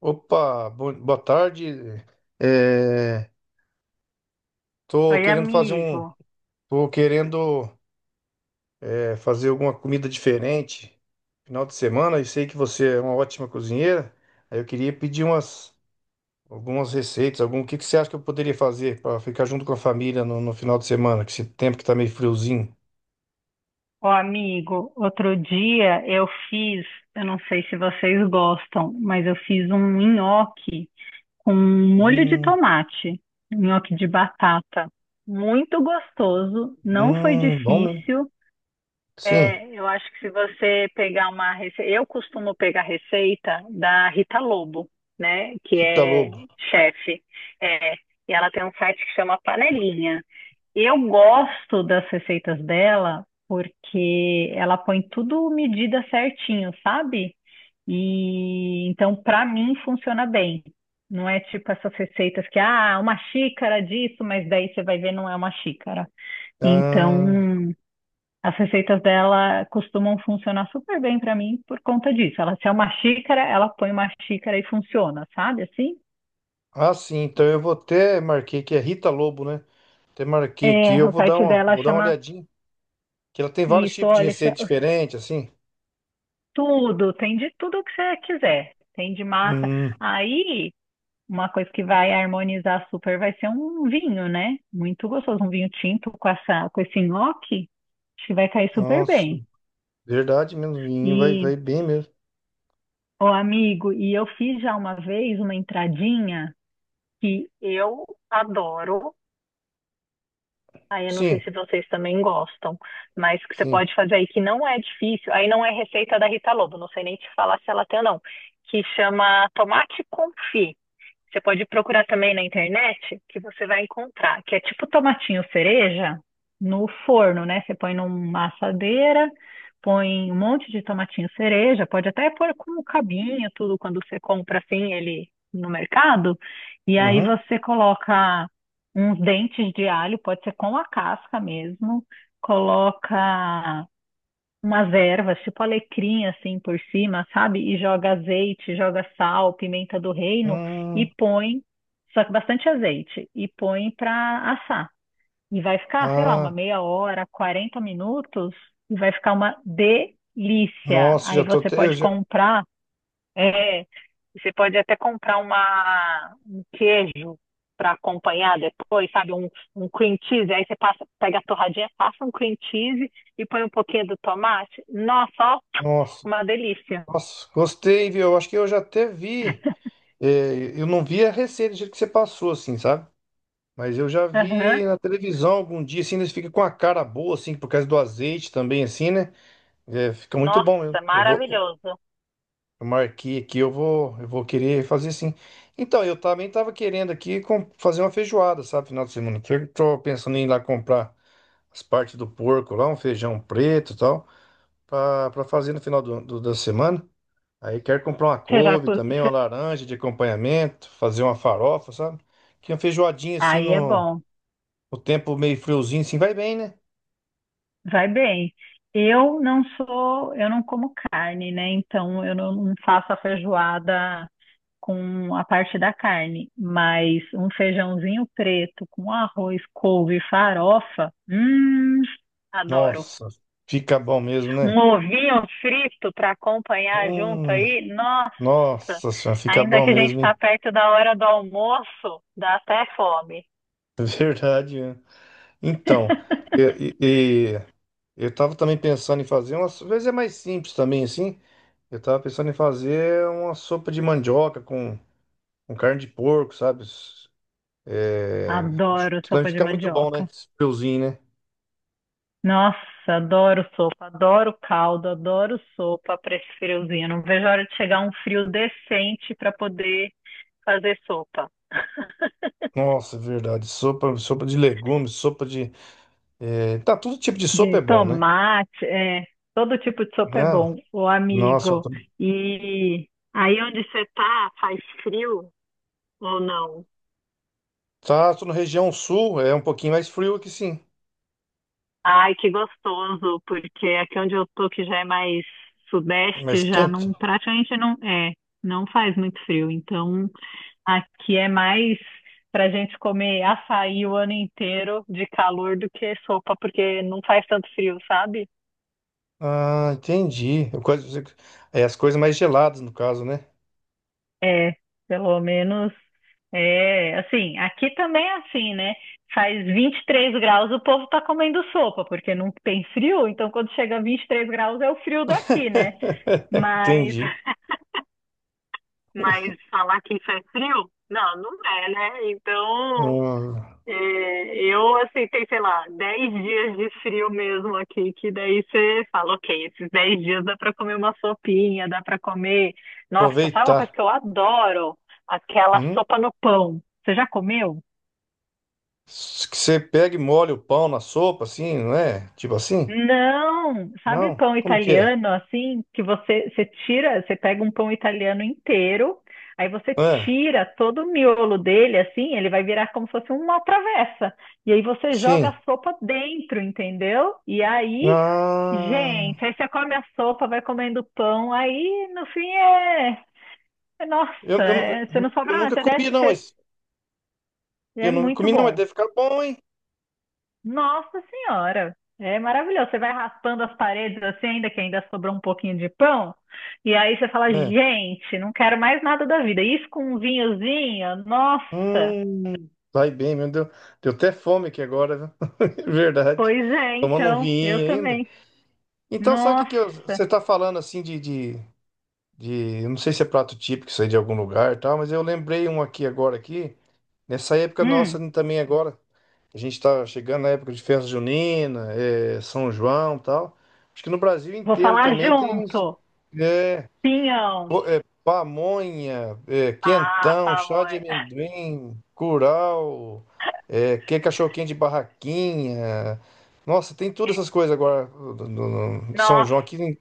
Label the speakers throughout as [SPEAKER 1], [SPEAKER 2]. [SPEAKER 1] Opa, boa tarde. É, Tô
[SPEAKER 2] Oi,
[SPEAKER 1] querendo fazer
[SPEAKER 2] amigo.
[SPEAKER 1] tô querendo fazer alguma comida diferente final de semana. Eu sei que você é uma ótima cozinheira. Aí eu queria pedir umas algumas receitas, algum, o que que você acha que eu poderia fazer para ficar junto com a família no final de semana, que esse tempo que tá meio friozinho.
[SPEAKER 2] Ô, amigo, outro dia eu fiz, eu não sei se vocês gostam, mas eu fiz um nhoque com molho de
[SPEAKER 1] Hum,
[SPEAKER 2] tomate, nhoque de batata. Muito gostoso, não foi
[SPEAKER 1] bom mesmo.
[SPEAKER 2] difícil.
[SPEAKER 1] Sim.
[SPEAKER 2] É, eu acho que se você pegar uma receita, eu costumo pegar receita da Rita Lobo, né, que
[SPEAKER 1] Rita
[SPEAKER 2] é
[SPEAKER 1] Lobo.
[SPEAKER 2] chefe. É, e ela tem um site que chama Panelinha. Eu gosto das receitas dela porque ela põe tudo medida certinho, sabe? E então para mim funciona bem. Não é tipo essas receitas que ah, uma xícara disso, mas daí você vai ver não é uma xícara. Então,
[SPEAKER 1] Ah,
[SPEAKER 2] as receitas dela costumam funcionar super bem para mim por conta disso. Ela se é uma xícara, ela põe uma xícara e funciona, sabe? Assim?
[SPEAKER 1] ah, sim. Então eu vou até marquei que é Rita Lobo, né? Até marquei aqui,
[SPEAKER 2] É,
[SPEAKER 1] eu
[SPEAKER 2] o site dela
[SPEAKER 1] vou dar uma
[SPEAKER 2] chama
[SPEAKER 1] olhadinha. Que ela tem vários
[SPEAKER 2] isso,
[SPEAKER 1] tipos de
[SPEAKER 2] olha,
[SPEAKER 1] receita diferente, assim.
[SPEAKER 2] tudo, tem de tudo que você quiser. Tem de massa.
[SPEAKER 1] Hum.
[SPEAKER 2] Aí, uma coisa que vai harmonizar super vai ser um vinho, né? Muito gostoso, um vinho tinto com esse nhoque. Acho que vai cair super
[SPEAKER 1] Nossa,
[SPEAKER 2] bem.
[SPEAKER 1] verdade mesmo,
[SPEAKER 2] E,
[SPEAKER 1] vai bem mesmo.
[SPEAKER 2] ô amigo, e eu fiz já uma vez uma entradinha que eu adoro. Aí eu não sei
[SPEAKER 1] Sim,
[SPEAKER 2] se vocês também gostam, mas que você
[SPEAKER 1] sim.
[SPEAKER 2] pode fazer aí que não é difícil. Aí não é receita da Rita Lobo, não sei nem te falar se ela tem ou não. Que chama tomate confit. Você pode procurar também na internet, que você vai encontrar, que é tipo tomatinho cereja no forno, né? Você põe numa assadeira, põe um monte de tomatinho cereja, pode até pôr com o cabinho, tudo, quando você compra assim ele no mercado, e aí
[SPEAKER 1] Uhum.
[SPEAKER 2] você coloca uns dentes de alho, pode ser com a casca mesmo, coloca umas ervas, tipo alecrim assim por cima, sabe? E joga azeite, joga sal, pimenta do reino e
[SPEAKER 1] Hum,
[SPEAKER 2] põe, só que bastante azeite, e põe para assar. E vai ficar, sei lá, uma
[SPEAKER 1] ah,
[SPEAKER 2] meia hora, 40 minutos, e vai ficar uma delícia.
[SPEAKER 1] nossa, já
[SPEAKER 2] Aí
[SPEAKER 1] tô
[SPEAKER 2] você
[SPEAKER 1] até,
[SPEAKER 2] pode comprar é, você pode até comprar uma, um queijo para acompanhar depois, sabe? Um cream cheese. Aí você passa, pega a torradinha, passa um cream cheese e põe um pouquinho do tomate. Nossa, ó,
[SPEAKER 1] nossa.
[SPEAKER 2] uma delícia.
[SPEAKER 1] Nossa, gostei, viu? Eu acho que eu já até vi, eu não vi a receita do jeito que você passou, assim, sabe? Mas eu já
[SPEAKER 2] Aham.
[SPEAKER 1] vi na televisão algum dia, assim, eles ficam com a cara boa, assim, por causa do azeite também, assim, né? É, fica muito bom mesmo.
[SPEAKER 2] Nossa, maravilhoso.
[SPEAKER 1] Eu marquei aqui, eu vou querer fazer sim. Então, eu também tava querendo aqui fazer uma feijoada, sabe, final de semana. Que eu tô pensando em ir lá comprar as partes do porco lá, um feijão preto e tal, pra fazer no final da semana. Aí quero comprar uma
[SPEAKER 2] Você já...
[SPEAKER 1] couve
[SPEAKER 2] co-
[SPEAKER 1] também, uma
[SPEAKER 2] você-
[SPEAKER 1] laranja de acompanhamento, fazer uma farofa, sabe? Que uma feijoadinha assim
[SPEAKER 2] Aí é bom,
[SPEAKER 1] no tempo meio friozinho, assim, vai bem, né?
[SPEAKER 2] vai bem. Eu não sou, eu não como carne, né? Então eu não faço a feijoada com a parte da carne, mas um feijãozinho preto com arroz, couve e farofa, adoro.
[SPEAKER 1] Nossa, fica bom mesmo,
[SPEAKER 2] Um
[SPEAKER 1] né?
[SPEAKER 2] ovinho frito para acompanhar junto
[SPEAKER 1] Hum,
[SPEAKER 2] aí, nossa,
[SPEAKER 1] nossa senhora, fica
[SPEAKER 2] ainda
[SPEAKER 1] bom
[SPEAKER 2] que a gente
[SPEAKER 1] mesmo,
[SPEAKER 2] está
[SPEAKER 1] hein?
[SPEAKER 2] perto da hora do almoço, dá até fome.
[SPEAKER 1] Verdade, né? Então, e- e- e eu estava também pensando em fazer, às vezes é mais simples também, assim. Eu estava pensando em fazer uma sopa de mandioca com carne de porco, sabe? É,
[SPEAKER 2] Adoro
[SPEAKER 1] deve
[SPEAKER 2] sopa de
[SPEAKER 1] ficar muito bom, né?
[SPEAKER 2] mandioca.
[SPEAKER 1] Esse friozinho, né?
[SPEAKER 2] Nossa, adoro sopa, adoro caldo, adoro sopa para esse friozinho. Não vejo a hora de chegar um frio decente para poder fazer sopa.
[SPEAKER 1] Nossa, é verdade. Sopa, sopa de legumes, sopa de. Tá, todo tipo de sopa
[SPEAKER 2] De
[SPEAKER 1] é bom, né?
[SPEAKER 2] tomate, é, todo tipo de sopa é
[SPEAKER 1] Né?
[SPEAKER 2] bom, ô
[SPEAKER 1] Nossa, eu
[SPEAKER 2] amigo.
[SPEAKER 1] tô,
[SPEAKER 2] E aí onde você tá, faz frio ou não?
[SPEAKER 1] tá, tô na região sul, é um pouquinho mais frio aqui, sim.
[SPEAKER 2] Ai, que gostoso, porque aqui onde eu tô, que já é mais
[SPEAKER 1] Mais
[SPEAKER 2] sudeste, já
[SPEAKER 1] quente.
[SPEAKER 2] não, praticamente não, é, não faz muito frio. Então, aqui é mais pra gente comer açaí o ano inteiro de calor do que sopa, porque não faz tanto frio, sabe?
[SPEAKER 1] Ah, entendi. É as coisas mais geladas, no caso, né?
[SPEAKER 2] É, pelo menos é assim, aqui também é assim, né? Faz 23 graus, o povo tá comendo sopa, porque não tem frio, então quando chega a 23 graus é o frio daqui, né? Mas,
[SPEAKER 1] Entendi.
[SPEAKER 2] mas falar que isso é frio? Não, não é, né? Então,
[SPEAKER 1] Hum,
[SPEAKER 2] é, eu aceitei, sei lá, 10 dias de frio mesmo aqui, que daí você fala, ok, esses 10 dias dá pra comer uma sopinha, dá pra comer. Nossa, sabe uma coisa
[SPEAKER 1] aproveitar.
[SPEAKER 2] que eu adoro? Aquela
[SPEAKER 1] Hum?
[SPEAKER 2] sopa no pão. Você já comeu?
[SPEAKER 1] Que você pega e molha o pão na sopa, assim, não é? Tipo assim?
[SPEAKER 2] Não, sabe
[SPEAKER 1] Não?
[SPEAKER 2] pão
[SPEAKER 1] Como que é?
[SPEAKER 2] italiano assim que você tira, você pega um pão italiano inteiro, aí você
[SPEAKER 1] Ah,
[SPEAKER 2] tira todo o miolo dele assim, ele vai virar como se fosse uma travessa. E aí você joga
[SPEAKER 1] sim.
[SPEAKER 2] a sopa dentro, entendeu? E aí,
[SPEAKER 1] Ah,
[SPEAKER 2] gente, aí você come a sopa, vai comendo pão, aí no fim é, é-
[SPEAKER 1] eu,
[SPEAKER 2] nossa,
[SPEAKER 1] eu,
[SPEAKER 2] é- você não
[SPEAKER 1] nu- eu
[SPEAKER 2] sobra nada,
[SPEAKER 1] nunca
[SPEAKER 2] você desce,
[SPEAKER 1] comi, não,
[SPEAKER 2] você-
[SPEAKER 1] mas. Eu
[SPEAKER 2] é
[SPEAKER 1] nunca
[SPEAKER 2] muito
[SPEAKER 1] comi, não, mas
[SPEAKER 2] bom.
[SPEAKER 1] deve ficar bom, hein?
[SPEAKER 2] Nossa Senhora, é maravilhoso. Você vai raspando as paredes assim, ainda que ainda sobrou um pouquinho de pão, e aí você fala,
[SPEAKER 1] É.
[SPEAKER 2] gente, não quero mais nada da vida. Isso com um vinhozinho, nossa.
[SPEAKER 1] Hum, vai bem, meu Deus. Deu até fome aqui agora, viu? Verdade.
[SPEAKER 2] Pois é,
[SPEAKER 1] Tomando um
[SPEAKER 2] então, eu
[SPEAKER 1] vinho ainda.
[SPEAKER 2] também.
[SPEAKER 1] Então, sabe o que
[SPEAKER 2] Nossa.
[SPEAKER 1] que você está falando assim eu não sei se é prato típico, isso aí de algum lugar e tal, mas eu lembrei um aqui agora aqui, nessa época
[SPEAKER 2] Hum,
[SPEAKER 1] nossa também agora, a gente está chegando na época de festa junina, é, São João e tal. Acho que no Brasil
[SPEAKER 2] vou
[SPEAKER 1] inteiro
[SPEAKER 2] falar
[SPEAKER 1] também tem uns
[SPEAKER 2] junto. Pinhão.
[SPEAKER 1] pamonha,
[SPEAKER 2] Ah,
[SPEAKER 1] quentão, chá de
[SPEAKER 2] favor.
[SPEAKER 1] amendoim, curau, que cachorro de barraquinha. Nossa, tem todas essas coisas agora no São
[SPEAKER 2] Nossa,
[SPEAKER 1] João aqui.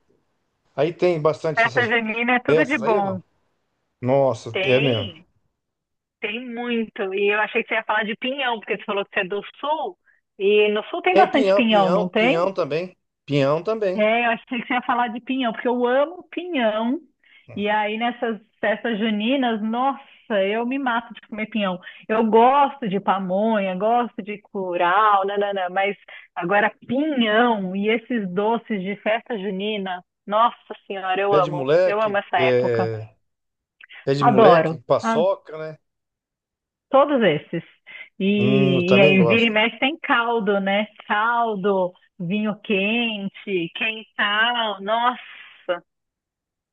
[SPEAKER 1] Aí tem bastante
[SPEAKER 2] festa
[SPEAKER 1] essas
[SPEAKER 2] junina é tudo de
[SPEAKER 1] peças aí, não?
[SPEAKER 2] bom.
[SPEAKER 1] Nossa, é mesmo.
[SPEAKER 2] Tem, tem muito. E eu achei que você ia falar de pinhão, porque você falou que você é do sul. E no sul tem
[SPEAKER 1] Tem
[SPEAKER 2] bastante
[SPEAKER 1] pinhão,
[SPEAKER 2] pinhão, não tem?
[SPEAKER 1] pinhão também. Pinhão também.
[SPEAKER 2] É, eu achei que você ia falar de pinhão, porque eu amo pinhão. E aí, nessas festas juninas, nossa, eu me mato de comer pinhão. Eu gosto de pamonha, gosto de curau, nanana, mas agora pinhão e esses doces de festa junina, nossa senhora, eu
[SPEAKER 1] Pé de
[SPEAKER 2] amo. Eu amo
[SPEAKER 1] moleque,
[SPEAKER 2] essa época.
[SPEAKER 1] é, Pé de moleque,
[SPEAKER 2] Adoro. Ah,
[SPEAKER 1] paçoca, né?
[SPEAKER 2] todos esses.
[SPEAKER 1] Eu
[SPEAKER 2] E
[SPEAKER 1] também
[SPEAKER 2] aí, vira e
[SPEAKER 1] gosto.
[SPEAKER 2] mexe tem caldo, né? Caldo, vinho quente, quentão, nossa.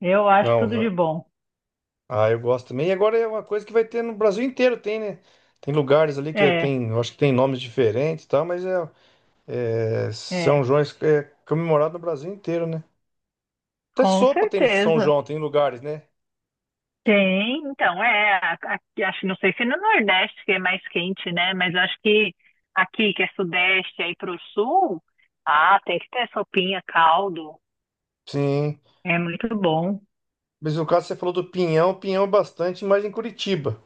[SPEAKER 2] Eu acho
[SPEAKER 1] Não,
[SPEAKER 2] tudo
[SPEAKER 1] va-
[SPEAKER 2] de bom.
[SPEAKER 1] Ah, eu gosto também. E agora é uma coisa que vai ter no Brasil inteiro, tem, né? Tem lugares ali
[SPEAKER 2] É,
[SPEAKER 1] tem, eu acho que tem nomes diferentes e tal, é, São
[SPEAKER 2] é,
[SPEAKER 1] João é comemorado no Brasil inteiro, né? Até
[SPEAKER 2] com
[SPEAKER 1] sopa tem nesse São
[SPEAKER 2] certeza.
[SPEAKER 1] João, tem lugares, né?
[SPEAKER 2] Tem, então, é, a- aqui, acho, não sei se no Nordeste que é mais quente, né? Mas eu acho que aqui, que é Sudeste, aí pro Sul, ah, tem que ter sopinha, caldo,
[SPEAKER 1] Sim.
[SPEAKER 2] é muito bom.
[SPEAKER 1] Mas no caso você falou do pinhão, pinhão é bastante mais em Curitiba.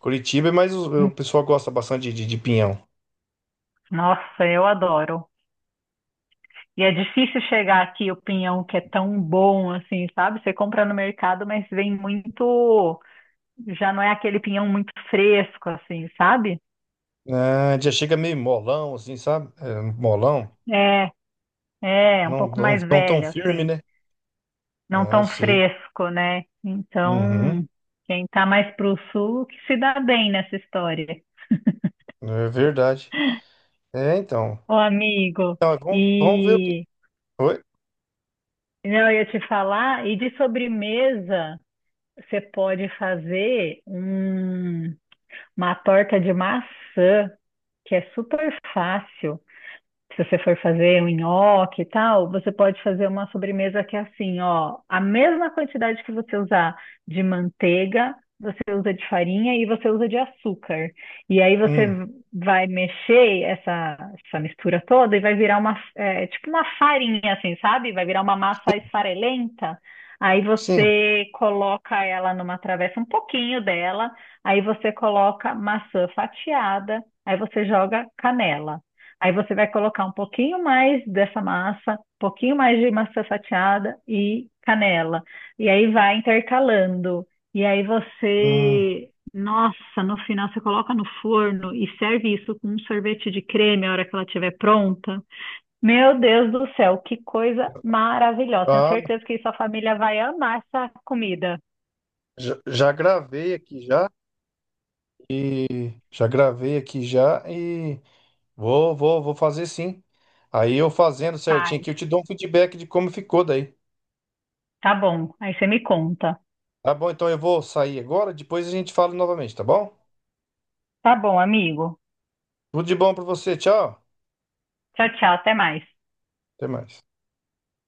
[SPEAKER 1] Curitiba é mais o pessoal gosta bastante de pinhão.
[SPEAKER 2] Nossa, eu adoro. E é difícil chegar aqui o pinhão que é tão bom assim, sabe? Você compra no mercado, mas vem muito, já não é aquele pinhão muito fresco assim, sabe?
[SPEAKER 1] Ah, já chega meio molão, assim, sabe? É, molão,
[SPEAKER 2] É, é, um pouco mais
[SPEAKER 1] não tão
[SPEAKER 2] velho,
[SPEAKER 1] firme,
[SPEAKER 2] assim.
[SPEAKER 1] né?
[SPEAKER 2] Não
[SPEAKER 1] Ah, eu
[SPEAKER 2] tão
[SPEAKER 1] sei.
[SPEAKER 2] fresco, né?
[SPEAKER 1] Uhum,
[SPEAKER 2] Então, quem tá mais pro sul que se dá bem nessa história.
[SPEAKER 1] é verdade. É, então.
[SPEAKER 2] Ô, amigo,
[SPEAKER 1] Então, é, vamos ver o que.
[SPEAKER 2] e
[SPEAKER 1] Oi?
[SPEAKER 2] não, eu ia te falar, e de sobremesa, você pode fazer um- uma torta de maçã, que é super fácil. Se você for fazer um nhoque e tal, você pode fazer uma sobremesa que é assim, ó, a mesma quantidade que você usar de manteiga, você usa de farinha e você usa de açúcar. E aí você
[SPEAKER 1] Hum,
[SPEAKER 2] vai mexer essa mistura toda e vai virar uma, é, tipo uma farinha, assim, sabe? Vai virar uma massa esfarelenta. Aí
[SPEAKER 1] sim.
[SPEAKER 2] você coloca ela numa travessa, um pouquinho dela. Aí você coloca maçã fatiada. Aí você joga canela. Aí você vai colocar um pouquinho mais dessa massa, um pouquinho mais de maçã fatiada e canela. E aí vai intercalando. E aí
[SPEAKER 1] Hum,
[SPEAKER 2] você, nossa, no final você coloca no forno e serve isso com um sorvete de creme a hora que ela estiver pronta. Meu Deus do céu, que coisa maravilhosa. Tenho
[SPEAKER 1] ah,
[SPEAKER 2] certeza que sua família vai amar essa comida.
[SPEAKER 1] já gravei aqui já. Já gravei aqui já e vou fazer sim. Aí eu fazendo certinho
[SPEAKER 2] Faz.
[SPEAKER 1] aqui, eu te dou um feedback de como ficou daí.
[SPEAKER 2] Tá bom. Aí você me conta.
[SPEAKER 1] Tá bom, então eu vou sair agora, depois a gente fala novamente, tá bom?
[SPEAKER 2] Tá bom, amigo.
[SPEAKER 1] Tudo de bom pra você, tchau.
[SPEAKER 2] Tchau, tchau. Até mais.
[SPEAKER 1] Até mais.